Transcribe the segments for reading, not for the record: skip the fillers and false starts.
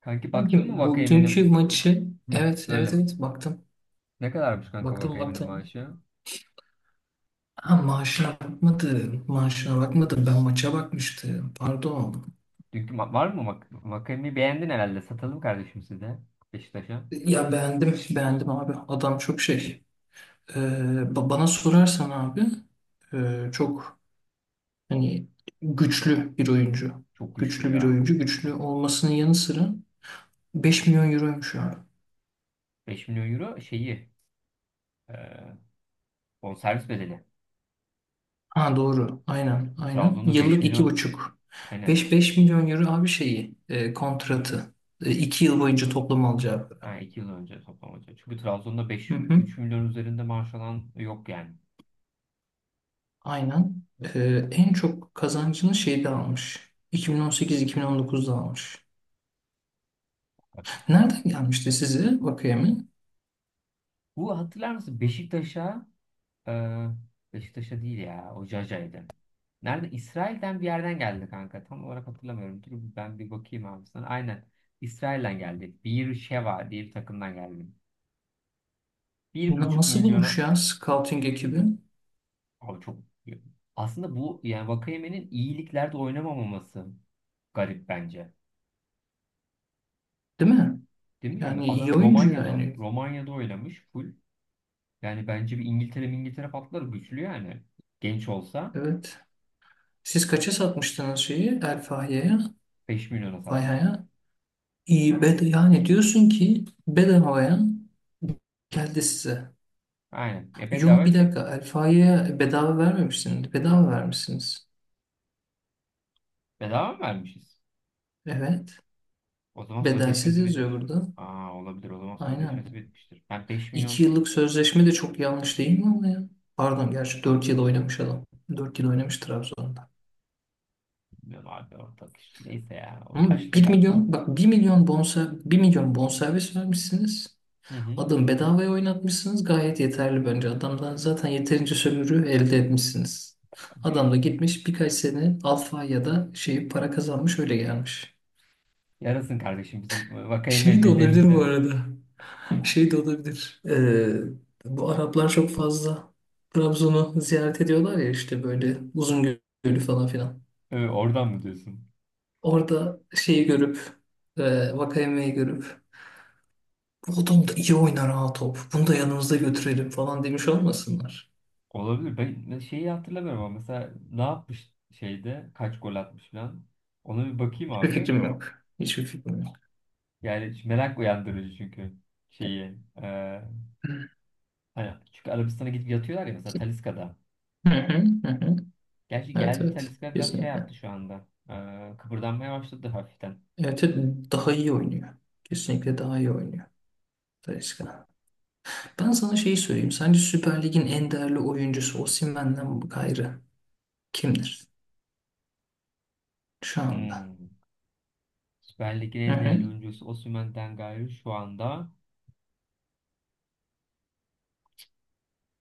Kanki baktın Sanki mı bu dünkü Vakayemen'in? maçı? Hı. Evet, evet, Böyle? evet, baktım. Ne kadarmış kanka Baktım, Vakayemen'in baktım. maaşı? Ha, maaşına bakmadım. Maaşına bakmadım. Ben maça bakmıştım. Pardon. Var mı Vakayemen'i beğendin herhalde. Satalım kardeşim size Beşiktaş'a. Ya beğendim. Beğendim abi. Adam çok şey. Ee, Bana sorarsan abi, çok hani güçlü bir oyuncu. Çok güçlü Güçlü bir ya. oyuncu. Güçlü Çok. olmasının yanı sıra 5 milyon euroymuş abi. 5 milyon euro şeyi, e, bonservis bedeli. Ha doğru. Aynen. Aynen. Trabzon'da beş Yıllık iki milyon buçuk. aynen. Beş milyon euro abi, şeyi, kontratı. 2 yıl boyunca toplam alacağı para. Ha, 2 yıl önce toplam hocam. Çünkü Trabzon'da Hı beş, hı. 3 milyon üzerinde maaş alan yok yani. Aynen. E, En çok kazancını şeyde almış. 2018-2019'da almış. Nereden gelmişti size Vakayemi? Bu, hatırlar mısın? Beşiktaş'a. Ee, Beşiktaş'a değil ya. O Jaja'ydı. Nerede? İsrail'den bir yerden geldi kanka. Tam olarak hatırlamıyorum. Dur ben bir bakayım abi sana. Aynen. İsrail'den geldi. Bir Sheva diye bir takımdan geldi. Bir buçuk Nasıl bulmuş milyona. ya scouting ekibi? Abi çok. Aslında bu, yani Vakayeme'nin iyiliklerde oynamamaması garip bence. Değil mi? Değil mi? Yani Yani iyi adam oyuncu Romanya'da. yani. Romanya'da oynamış full. Yani bence bir İngiltere patlar güçlü yani. Genç olsa. Evet. Siz kaça satmıştınız şeyi El Fahya'ya? 5 milyona satmışız. Fahya'ya? İyi, yani diyorsun ki bedavaya geldi size. Aynen. Ya Yo, bedava bir şey. dakika, Alfa'ya bedava vermemişsiniz. Bedava vermişsiniz. Bedava mı vermişiz? Evet. O zaman Bedelsiz sözleşmesi yazıyor bitmiş. burada. Aa, olabilir, o zaman sözleşmesi Aynen. bitmiştir. Ben beş İki milyon yıllık sözleşme de çok yanlış değil mi ama ya? Pardon, gerçi 4 yıl oynamış adam. 4 yıl oynamış Trabzon'da. Bilmiyorum abi, ortak işte. Neyse ya, o Ama yaşlı bir kardeşim. milyon, bak, bir milyon, bir milyon bonservis vermişsiniz. Hı hı. Adam bedavaya oynatmışsınız, gayet yeterli bence. Adamdan zaten yeterince sömürü elde etmişsiniz. Adam da gitmiş birkaç sene alfa ya da şey para kazanmış, öyle gelmiş. Yarasın kardeşim bizim, Şey Vakayeme de olabilir bu dedemize. arada. Şey de olabilir. Bu Araplar çok fazla Trabzon'u ziyaret ediyorlar ya, işte böyle uzun gölü falan filan. Oradan mı diyorsun? Orada şeyi görüp, Vakayeme'yi görüp, bu adam da iyi oynar ha top. Bunu da yanımızda götürelim falan demiş olmasınlar. Olabilir. Ben şeyi hatırlamıyorum ama mesela ne yapmış, şeyde kaç gol atmış falan. Ona bir bakayım Bir abi. fikrim yok. Hiçbir fikrim yok. Yani şu merak uyandırıcı çünkü şeyi. e, Hı Hani çünkü Arabistan'a gidip yatıyorlar ya, mesela Taliska'da. hı hı hı. Gerçi Evet geldi evet. Taliska, biraz şey Kesinlikle. yaptı şu anda. Kıpırdanmaya başladı hafiften. Evet, evet, daha iyi oynuyor. Kesinlikle daha iyi oynuyor. Talisca. Ben sana şeyi söyleyeyim. Sence Süper Lig'in en değerli oyuncusu Osimhen'den gayrı kimdir şu anda? Hmm. Süper Lig'in Hı en değerli hı. oyuncusu Osimhen'den gayrı şu anda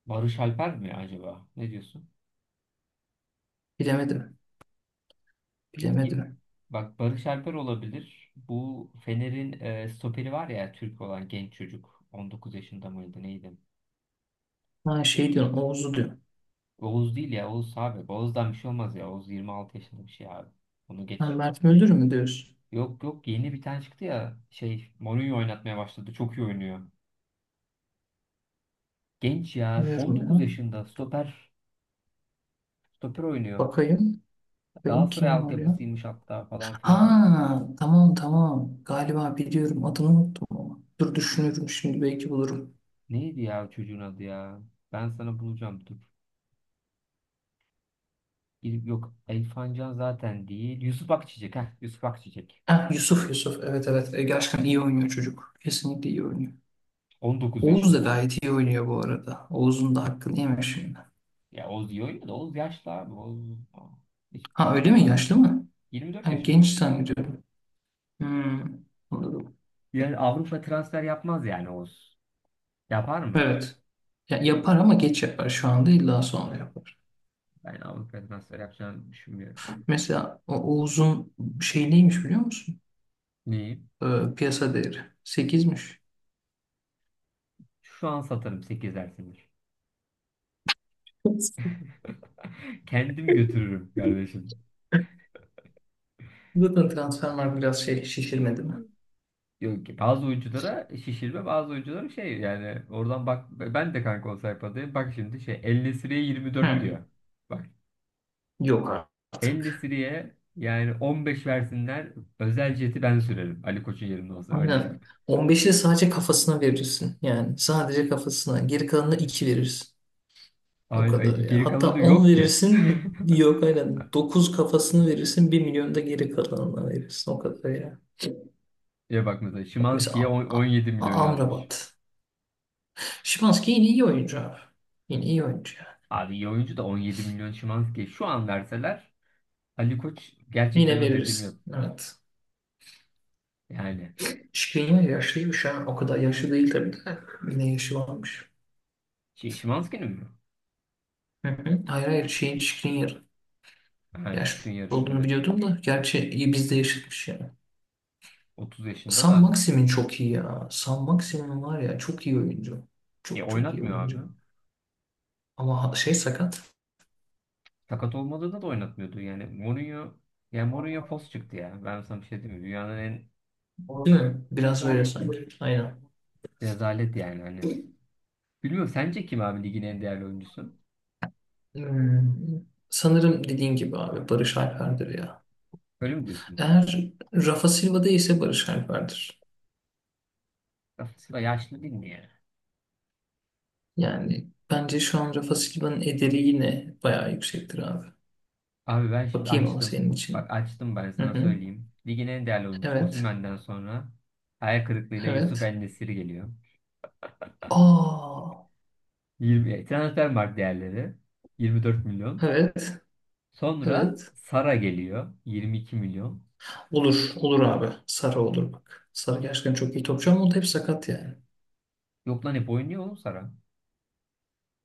Barış Alper mi acaba? Ne diyorsun? Bilemedim. Ye- Bilemedim. Bak Barış Alper olabilir. Bu Fener'in, stoperi var ya, Türk olan genç çocuk. 19 yaşında mıydı, neydi? Ha, şey diyorsun, Oğuz'u diyor. Oğuz değil ya, Oğuz abi. Oğuz'dan bir şey olmaz ya. Oğuz 26 yaşında bir şey abi. Onu Ha, geç. Mert Müldür mü diyorsun? Yok, yok, yeni bir tane çıktı ya. Şey, Mourinho oynatmaya başladı. Çok iyi oynuyor. Genç ya. on Bilmiyorum dokuz ya. yaşında stoper. Stoper oynuyor. Bakayım. Benim Galatasaray kim var ya? altyapısıymış hatta, falan filan. Ha, tamam tamam. Galiba biliyorum, adını unuttum ama. Dur, düşünürüm şimdi, belki bulurum. Neydi ya o çocuğun adı ya? Ben sana bulacağım, dur. Yok, Elfancan zaten değil. Yusuf Akçiçek. Heh, Yusuf Akçiçek. Ha, Yusuf, Yusuf, evet, evet. Gerçekten iyi oynuyor çocuk. Kesinlikle iyi oynuyor. on dokuz Oğuz da yaşında. gayet iyi oynuyor bu arada. Oğuz'un da hakkını yeme şimdi. Ya Oz iyi oynuyor da, Oz yaşlı abi. Oz hiç Ha, öyle mi? patlamaz yani. Yaşlı mı? 24 Ben yaşında genç Oz yani. zannediyorum. Hmm, anladım. Yani Avrupa transfer yapmaz yani Oz. Yapar mı? Evet. Ya, yapar ama geç yapar. Şu anda illa sonra yapar. Ben Avrupa transfer yapacağını düşünmüyorum yani. Mesela o Oğuz'un şey neymiş biliyor musun? Neyi? Ee, Piyasa değeri sekizmiş. Şu an satarım 8 dersini. Kendim götürürüm kardeşim. Zaten transfer var biraz şey şişirmedi mi? Yok ki, bazı oyunculara şişirme, bazı oyunculara şey yani. Oradan bak, ben de kanka o sayfadayım. Bak şimdi, şey El Nesiri'ye 24 Hı. diyor. Bak, Yok El artık. Nesiri'ye yani 15 versinler, özel jeti ben sürerim Ali Koç'un yerinde olsam, öyle diyeyim. Aynen. 15'i de sadece kafasına verirsin. Yani sadece kafasına. Geri kalanına 2 verirsin. O Ay, kadar ay, ya. geri Hatta kalanı 10 yok ki. verirsin. Yok, aynen. 9 kafasını verirsin. Bir milyon da geri kalanına verirsin. O kadar ya. Ya bak mesela Bak Szymański'ye mesela 17 milyon yazmış. Amrabat. Şimanski yine iyi oyuncu abi. Yine iyi oyuncu ya. Abi iyi oyuncu da, 17 milyon Szymański'ye şu an verseler Ali Koç gerçekten, Yine o dediğim yok. verirsin. Evet. Yani Şikrin yaşlıymış ha. O kadar yaşlı değil tabii de. Yine yaşı varmış. şey, Szymański'nin mi? Hı hı. Hayır hayır, şeyin Skriniar Ha, yaşlı Şikrin yarın, olduğunu evet. biliyordum da gerçi iyi bizde yaşatmış yani. 30 yaşında San da. Maximin çok iyi ya. San Maximin var ya, çok iyi oyuncu. Ya Çok çok iyi oynatmıyor abi. oyuncu. Ama şey sakat. Sakat olmadığında da oynatmıyordu. Yani Mourinho fos çıktı ya. Ben sana bir şey diyeyim mi? Dünyanın en Değil mi? Biraz öyle sanki. Aynen. rezalet yani, hani. Bilmiyorum, sence kim abi ligin en değerli oyuncusu? Hmm. Sanırım dediğin gibi abi Barış Alper'dir ya. Öyle mi diyorsun? Eğer Rafa Silva değilse Barış Alper'dir. Rafa yaşlı değil mi ya? Yani bence şu an Rafa Silva'nın ederi yine bayağı yüksektir abi. Abi ben şimdi Bakayım ama açtım. senin Bak için. açtım, ben Hı sana hı. söyleyeyim. Ligin en değerli oyuncusu Evet. Osimhen'den sonra hayal kırıklığıyla Yusuf Evet. En-Nesyri geliyor. Aa, 20, Transfermarkt değerleri 24 milyon. evet, Sonra evet. Sara geliyor 22 milyon. Olur, olur abi. Sara olur bak. Sara gerçekten çok iyi topçu ama o da hep sakat yani. Yok lan, hep oynuyor oğlum Sara.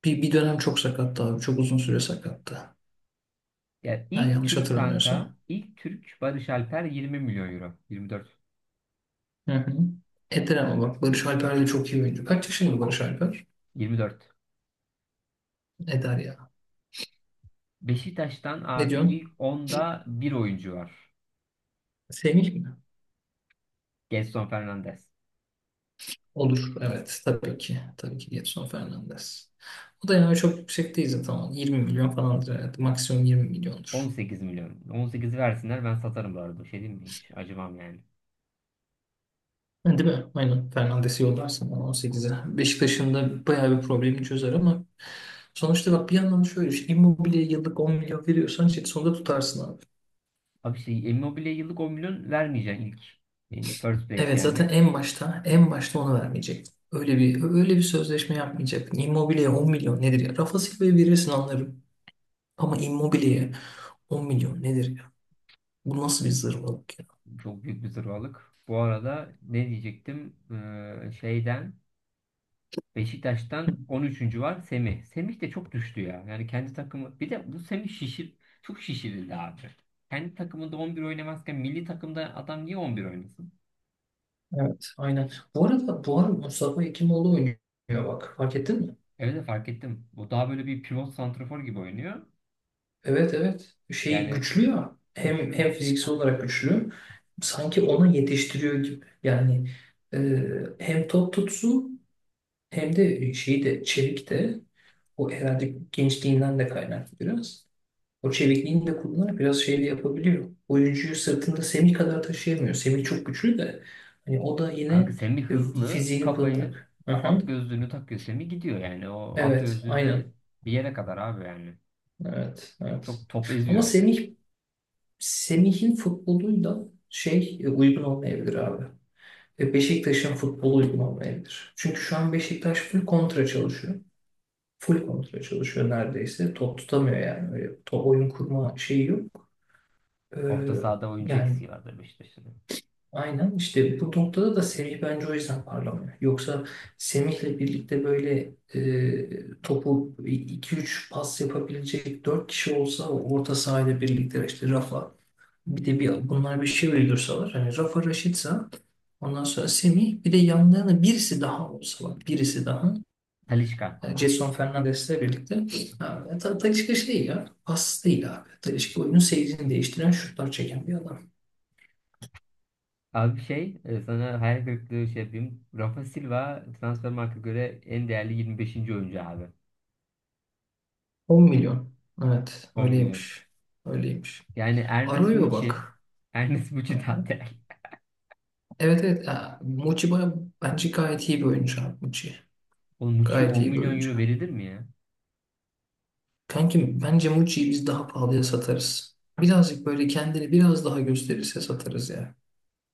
Bir dönem çok sakattı abi. Çok uzun süre sakattı. Ya Ha, ilk yanlış Türk hatırlamıyorsam. kanka, ilk Türk Barış Alper 20 milyon euro. 24. Hı hı. Eder ama bak, Barış Alper de çok iyi oyuncu. Kaç yaşında Barış Alper? 24. Eder ya. Beşiktaş'tan Ne abi diyorsun? ilk onda bir oyuncu var. Semih mi? Gelson Fernandes. Olur. Evet. Tabii ki. Tabii ki Gedson Fernandes. O da yani çok yüksek değil zaten. 20 milyon falandır herhalde. Maksimum 20 milyondur. 18 milyon. 18'i versinler ben satarım bu arada. Şey diyeyim mi hiç? Acımam yani. Ha, değil mi? Aynen. Fernandes'i yollarsın bana 18'e. Beşiktaş'ın da bayağı bir problemi çözer ama sonuçta bak, bir yandan da şöyle düşün. Immobile'ye yıllık 10 milyon veriyorsan işte sonunda tutarsın abi. Abi şey, Immobile yıllık 10 milyon vermeyeceksin ilk. Yani First place Evet, zaten yani. en başta en başta onu vermeyecek. Öyle bir öyle bir sözleşme yapmayacak. Immobile'ye 10 milyon nedir ya? Rafa Silva'ya verirsin anlarım. Ama Immobile'ye 10 milyon nedir ya? Bu nasıl bir zırvalık ya? Çok büyük bir zırvalık. Bu arada ne diyecektim? Şeyden, Beşiktaş'tan 13. var, Semih. Semih de çok düştü ya. Yani kendi takımı, bir de bu Semih, çok şişirildi abi. Kendi takımında 11 oynamazken milli takımda adam niye 11 oynasın? Evet, aynen. Bu arada bu arada Mustafa Ekimoğlu oynuyor bak. Fark ettin mi? Evet de fark ettim. Bu daha böyle bir pivot santrafor gibi oynuyor. Evet evet. Şey Yani güçlü ya. Hem güçlü. hem fiziksel olarak güçlü. Sanki onu yetiştiriyor gibi. Yani e, hem top tutsu, hem de şeyi de çevik de, o herhalde gençliğinden de kaynaklı biraz. O çevikliğini de kullanarak biraz şey de yapabiliyor. Oyuncuyu sırtında Semih kadar taşıyamıyor. Semih çok güçlü de hani, o da Kanka yine Semih hızlı, fiziğini kafayı kullanarak. Hı hı. at gözlüğünü takıyor Semih, gidiyor yani. O at Evet, gözlüğü de aynen. bir yere kadar abi yani. Evet, evet. Çok top Ama eziyor yani. Semih'in futboluyla şey, uygun olmayabilir abi. Beşiktaş'ın futbolu uygun olmayabilir. Çünkü şu an Beşiktaş full kontra çalışıyor. Full kontra çalışıyor neredeyse. Top tutamıyor yani. Öyle top oyun kurma şeyi yok. E, Orta sahada oyuncu Yani eksiği vardı Beşiktaş'ın. aynen işte, bu noktada da Semih bence o yüzden parlamıyor. Yoksa Semih'le birlikte böyle topu iki üç pas yapabilecek 4 kişi olsa orta sahayla birlikte işte Rafa, bir de bir bunlar bir şey uydursalar hani Rafa Raşitsa, ondan sonra Semih, bir de yanlarına birisi daha olsa bak, birisi daha, Talisca. yani Jason Fernandes'le birlikte, Talisca şey ya, pas değil abi. Talisca oyunun seyrini değiştiren şutlar çeken bir adam. Abi şey, sana hayal kırıklığı şey yapayım. Rafa Silva Transfermarkt'a göre en değerli 25. oyuncu abi. 10 milyon. Evet 10 milyon. öyleymiş. Öyleymiş. Yani Ernest Arroyo Muçi bak. Ernest Muçi daha değerli. Evet evet. Ha, Muçi, bence gayet iyi bir oyuncu abi Muçi. Oğlum Muçi'ye Gayet 10 iyi bir milyon oyuncu. euro verilir mi ya? Kankim bence Mucci'yi biz daha pahalıya satarız. Birazcık böyle kendini biraz daha gösterirse satarız ya.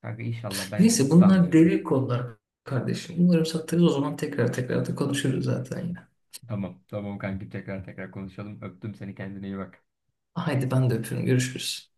Kanka inşallah, ben hiç Neyse bunlar sanmıyorum yani. derin konular kardeşim. Umarım satarız, o zaman tekrar tekrar da konuşuruz zaten yine. Tamam, tamam kankim, tekrar tekrar konuşalım. Öptüm seni, kendine iyi bak. Haydi ben de öpüyorum. Görüşürüz.